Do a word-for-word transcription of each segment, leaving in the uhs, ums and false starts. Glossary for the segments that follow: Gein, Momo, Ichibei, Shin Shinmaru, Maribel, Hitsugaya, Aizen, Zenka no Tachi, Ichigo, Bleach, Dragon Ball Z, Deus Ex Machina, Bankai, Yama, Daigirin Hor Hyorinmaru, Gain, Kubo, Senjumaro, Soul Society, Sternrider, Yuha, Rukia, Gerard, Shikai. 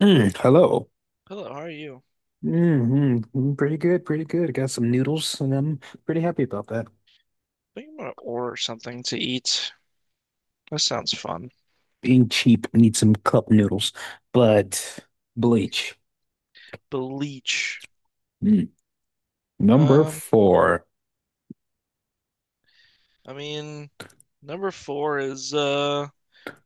Mm, hello. Hello, how are you? Mm-hmm. Pretty good, pretty good. I got some noodles and I'm pretty happy about that. I think I'm gonna order something to eat. That sounds fun. Being cheap, I need some cup noodles, but bleach. Bleach. Mm. Number Um, four, I mean, number four is uh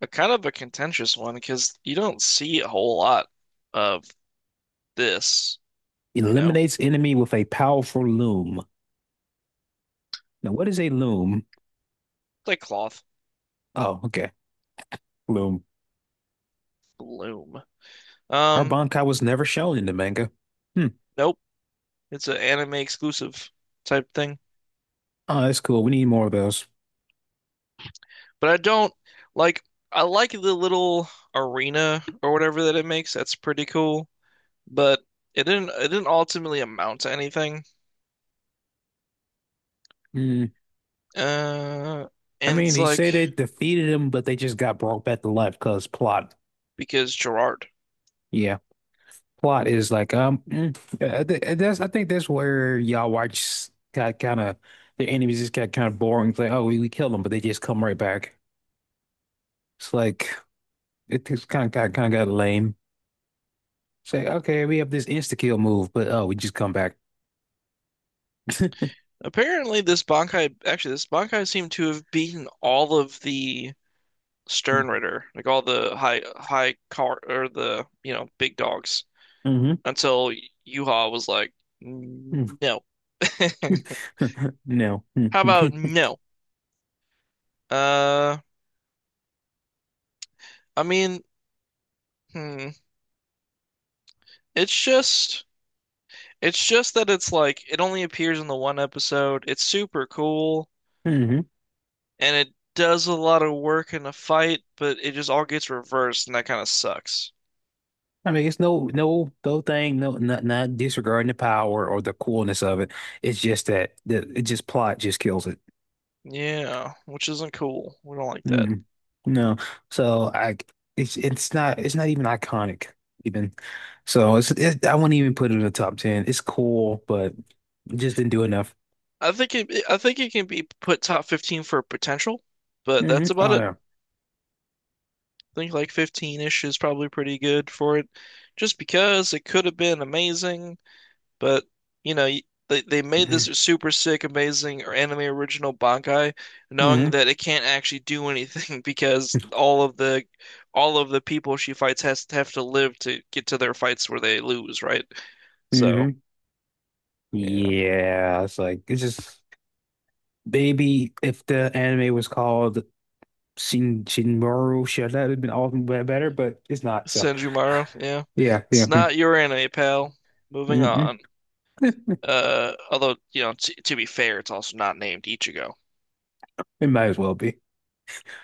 a kind of a contentious one because you don't see a whole lot of this, you know? eliminates enemy with a powerful loom. Now, what is a loom? It's like cloth Oh, okay. Loom. bloom. Her Um, bankai was never shown in the manga. Hmm. nope. It's an anime exclusive type thing. Oh, that's cool. We need more of those. But I don't like I like the little arena or whatever that it makes. That's pretty cool. But it didn't it didn't ultimately amount to anything. Mm. Uh, I and mean, it's they say like they defeated him, but they just got brought back to life because plot. because Gerard. Yeah. Plot is like um mm, yeah, I thi- that's I think that's where y'all watch got kind of the enemies just got kind of boring. It's like, oh, we, we kill them, but they just come right back. It's like it just kind of got kind of got lame. It's like, okay, we have this insta kill move, but oh, we just come back. Apparently, this Bankai actually this Bankai seemed to have beaten all of the Sternrider like all the high high car or the you know big dogs, Hmm. until Yuha was like, no. No. How about no? Uh, I mean, hmm. It's just it's just that it's like it only appears in the one episode. It's super cool. Hmm. And it does a lot of work in a fight, but it just all gets reversed, and that kind of sucks. I mean it's no no no thing no not not disregarding the power or the coolness of it. It's just that the it just plot just kills it. Yeah, which isn't cool. We don't like that. Mm, no. So I it's it's not it's not even iconic even. So it's it, I wouldn't even put it in the top ten. It's cool, but it just didn't do enough. I think it, I think it can be put top fifteen for potential, but Hmm. that's about it. Oh, I think like fifteen-ish is probably pretty good for it, just because it could have been amazing. But you know, y- they they made yeah. this super sick, amazing or anime original Bankai, knowing Hmm. that it can't actually do anything because all of the all of the people she fights has to have to live to get to their fights where they lose, right? So Hmm. yeah, Yeah, it's like it's just maybe if the anime was called Shin Shinmaru, sure that would have been all the way better, but it's not. So Senjumaro, yeah, yeah, yeah. it's not your anime, pal. Moving Mm-mm. on. Uh, although you know, t to be fair, it's also not named Ichigo. It might as well be.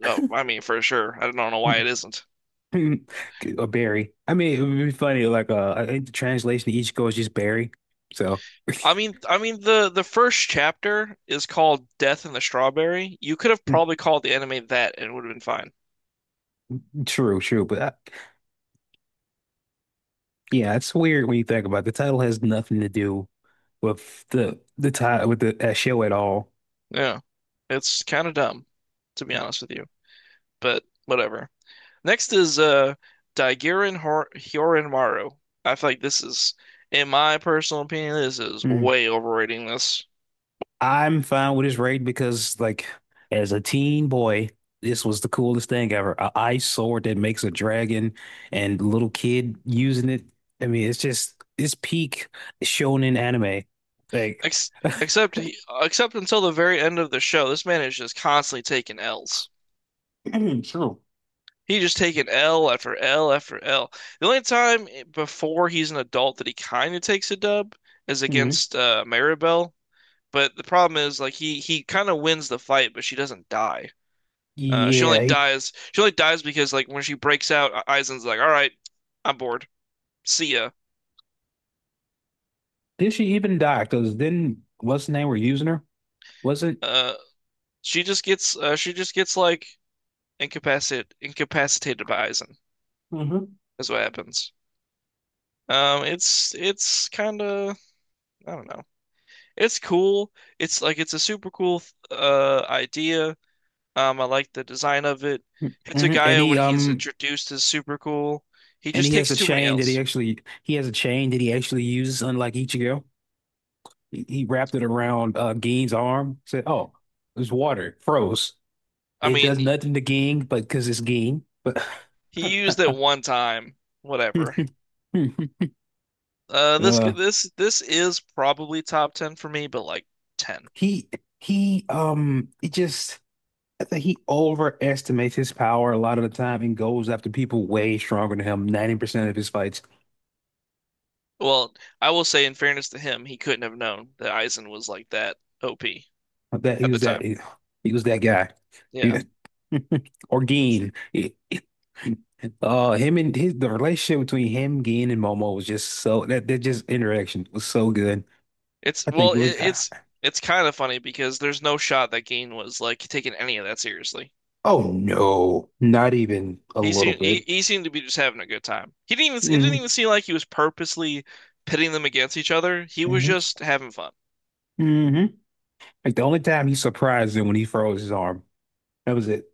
Oh, I mean, for sure. I don't know why it isn't. Or Barry. I mean, it would be funny. Like, uh, I think the translation to each goes just Barry. So, I mean, I mean the the first chapter is called Death in the Strawberry. You could have probably called the anime that and it would have been fine. true, true. But I, yeah, it's weird when you think about it. The title has nothing to do with the the title with the that show at all. Yeah. It's kind of dumb, to be honest with you, but whatever. Next is uh Daigirin Hor Hyorinmaru. I feel like this is, in my personal opinion, this is Mm. way overrating this. I'm fine with this rating because, like, as a teen boy, this was the coolest thing ever. A ice sword that makes a dragon and little kid using it. I mean, it's just it's peak shonen anime. Like, Ex except he, except until the very end of the show, this man is just constantly taking L's. true. He just taken L after L after L. The only time before he's an adult that he kind of takes a dub is Mhm. against uh, Maribel. But the problem is, like he he kind of wins the fight, but she doesn't die. Uh, she only Yeah, he, dies. She only dies because like when she breaks out, uh, Aizen's like, "All right, I'm bored. See ya." did she even die? Because then what's the name we're using her? Was it? Uh, she just gets uh, she just gets like incapacit incapacitated by Aizen Hmm. is what happens. Um, it's it's kind of I don't know. It's cool. It's like it's a super cool uh idea. Um, I like the design of it. Hmm. And Hitsugaya, when he he's um introduced, is super cool. He and just he has takes a too many chain that he L's. actually he has a chain that he actually uses, unlike Ichigo. He, he wrapped it around uh Gein's arm. Said, "Oh, it's water, it froze. I It does mean, nothing to Gein, but because it's Gein." But he used it one time. Whatever. Uh, this uh, this this is probably top ten for me, but like ten. he he um it just. I think he overestimates his power a lot of the time and goes after people way stronger than him. Ninety percent of his fights, Well, I will say, in fairness to him, he couldn't have known that Aizen was like that O P that he at the was that time. he, he was that guy. He, Yeah. or Geen. He- uh, him and his the relationship between him, Geen, and Momo was just so that that just interaction was so good. It's I well, think it it, was. ah, it's it's kind of funny because there's no shot that Gain was like taking any of that seriously. Oh no, not even a He little seemed he, bit. he seemed to be just having a good time. He didn't even it didn't Hmm. even seem like he was purposely pitting them against each other. He was Hmm. just having fun Hmm. Like the only time he surprised him when he froze his arm. That was it.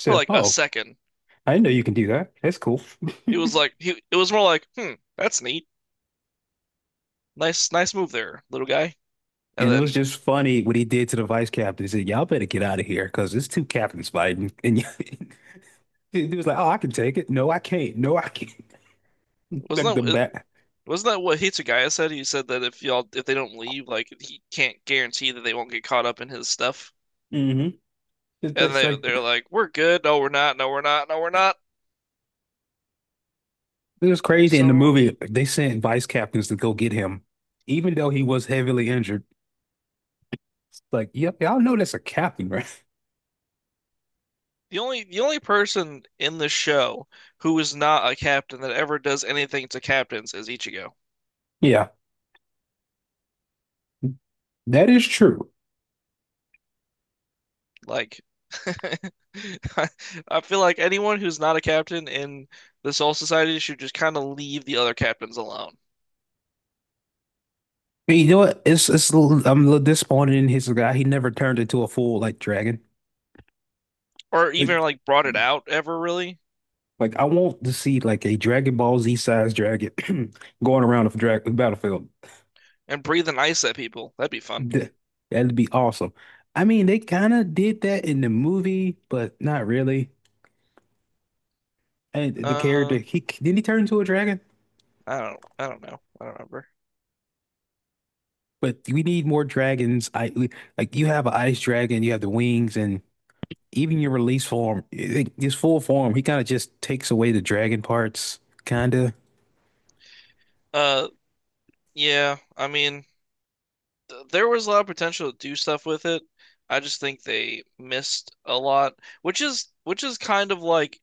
for like a oh, second. I didn't know you can do that. That's cool. It was like he it was more like, hmm, that's neat, nice nice move there, little guy. And And it was then just funny what he did to the vice captain. He said, "Y'all better get out of here because it's two captains fighting." And he was like, "Oh, I can take it. No, I can't. No, I can't." Like the wasn't that bat. wasn't that what Hitsugaya said? He said that if y'all if they don't leave, like he can't guarantee that they won't get caught up in his stuff. Hmm. And That's they like they're like, we're good. No, we're not. No, we're not. No, we're not. it was I was crazy. In so the wrong. movie, they sent vice captains to go get him, even though he was heavily injured. It's like, yep, y'all know that's a captain, right? The only the only person in the show who is not a captain that ever does anything to captains is Ichigo. Yeah, that is true. Like I, I feel like anyone who's not a captain in the Soul Society should just kind of leave the other captains alone. And you know what? It's it's a little- I'm a little disappointed in his guy. He never turned into a full like dragon. Or even It- like brought it out ever really Like I want to see like a Dragon Ball Z sized dragon going around the dra battlefield. and breathing ice at people. That'd be fun. Th- That'd be awesome. I mean, they kind of did that in the movie, but not really. And the character, Uh he didn't he turn into a dragon? I don't I don't know. I don't remember. But we need more dragons. I we- like you have an ice dragon, you have the wings, and even your release form, i- i- his full form, he kind of just takes away the dragon parts, kind of. Uh yeah, I mean th- there was a lot of potential to do stuff with it. I just think they missed a lot, which is which is kind of like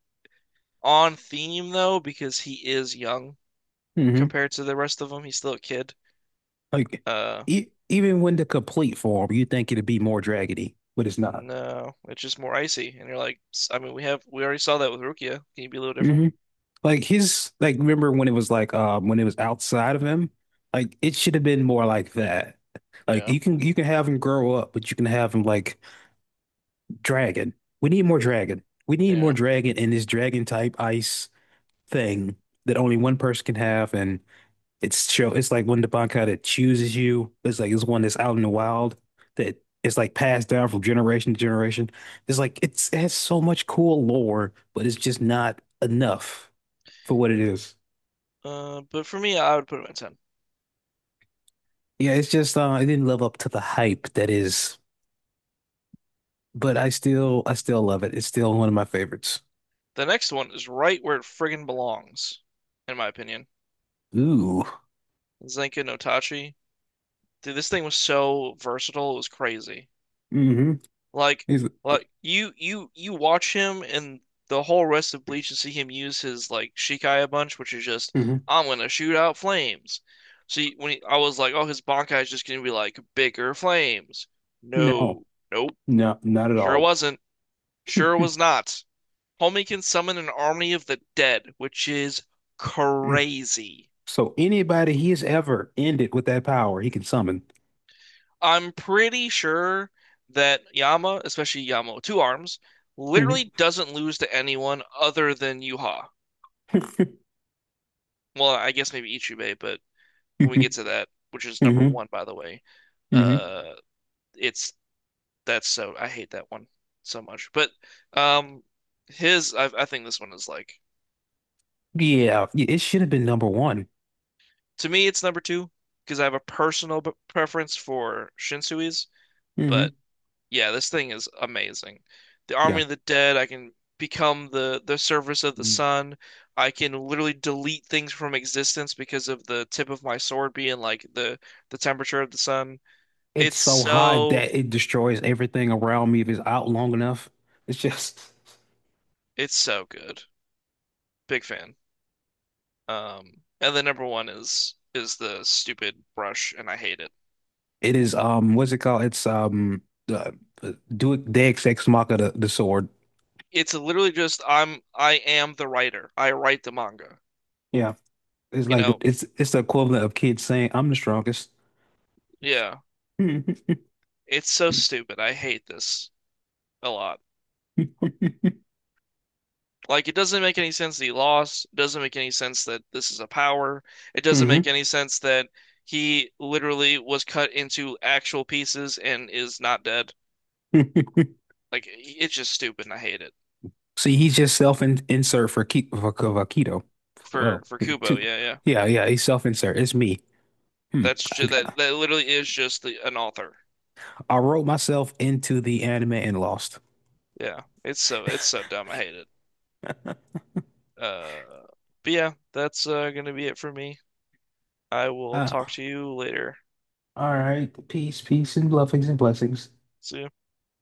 on theme though, because he is young Hmm. compared to the rest of them. He's still a kid. Like Uh, e even when the complete form, you think it'd be more dragony, but it's not. no, it's just more icy, and you're like, s- I mean, we have we already saw that with Rukia. Can you be a little different? Hmm. Like his like remember when it was like um when it was outside of him? Like it should have been more like that. Like Yeah, you can you can have him grow up, but you can have him like dragon. We need more yeah. dragon. We need more Yeah. dragon in this dragon type ice thing that only one person can have and it's show it's like when the Bankai that chooses you, it's like it's one that's out in the wild that is like passed down from generation to generation. It's like it's it has so much cool lore, but it's just not enough for what it is. Uh, but for me, I would put him at ten. Yeah, it's just uh, it didn't live up to the hype that is, but I still I still love it. It's still one of my favorites. The next one is right where it friggin' belongs, in my opinion. Ooh. Zenka no Tachi. Dude, this thing was so versatile, it was crazy. Mm-hmm. Like, Is. like you you you watch him and the whole rest of Bleach and see him use his like Shikai a bunch, which is just Hmm. I'm gonna shoot out flames. See, when he, I was like, oh, his Bankai is just gonna be like bigger flames. No, No, nope, no, not at sure all. wasn't, sure was not. Homie can summon an army of the dead, which is crazy. So anybody he's ever ended with that power, he can summon. I'm pretty sure that Yama, especially Yama with two arms, literally Hmm. doesn't lose to anyone other than Yuha. Well, I guess maybe Ichibei, but when Hmm. we get to that, which is number Hmm. one, by the way, Hmm. uh, it's that's so I hate that one so much. But um, his I, I think this one is like Yeah, yeah, it should have been number one. to me it's number two because I have a personal b- preference for Shinsui's, Hmm. but yeah, this thing is amazing. The Army Yeah. of the Dead, I can become the the surface of the Mm. sun. I can literally delete things from existence because of the tip of my sword being like the the temperature of the sun. It's It's so high so that it destroys everything around me if it's out long enough. It's just it's so good. Big fan. Um, and the number one is is the stupid brush, and I hate it. It is um what's it called? It's um uh, do it. Deus Ex Machina the, the sword. It's literally just I'm I am the writer. I write the manga. Yeah. It's You like know, it's it's the equivalent of kids saying I'm the strongest. yeah. Hmm. It's so stupid. I hate this a lot. Like it doesn't make any sense that he lost. It doesn't make any sense that this is a power. It doesn't make any sense that he literally was cut into actual pieces and is not dead. Like it's just stupid and I hate it. See, he's just self insert for Ki for, for keto. For Oh, for Kubo, two. yeah, yeah. Yeah, yeah, he's self insert. It's me. Hmm. That's I, just that, got- that literally is just the an author. I wrote myself into the anime and lost. Yeah, it's so it's so dumb. I hate it. Uh, but yeah, that's uh, gonna be it for me. I will talk Ah, to you later. all right. Peace, peace, and blessings and blessings. See ya.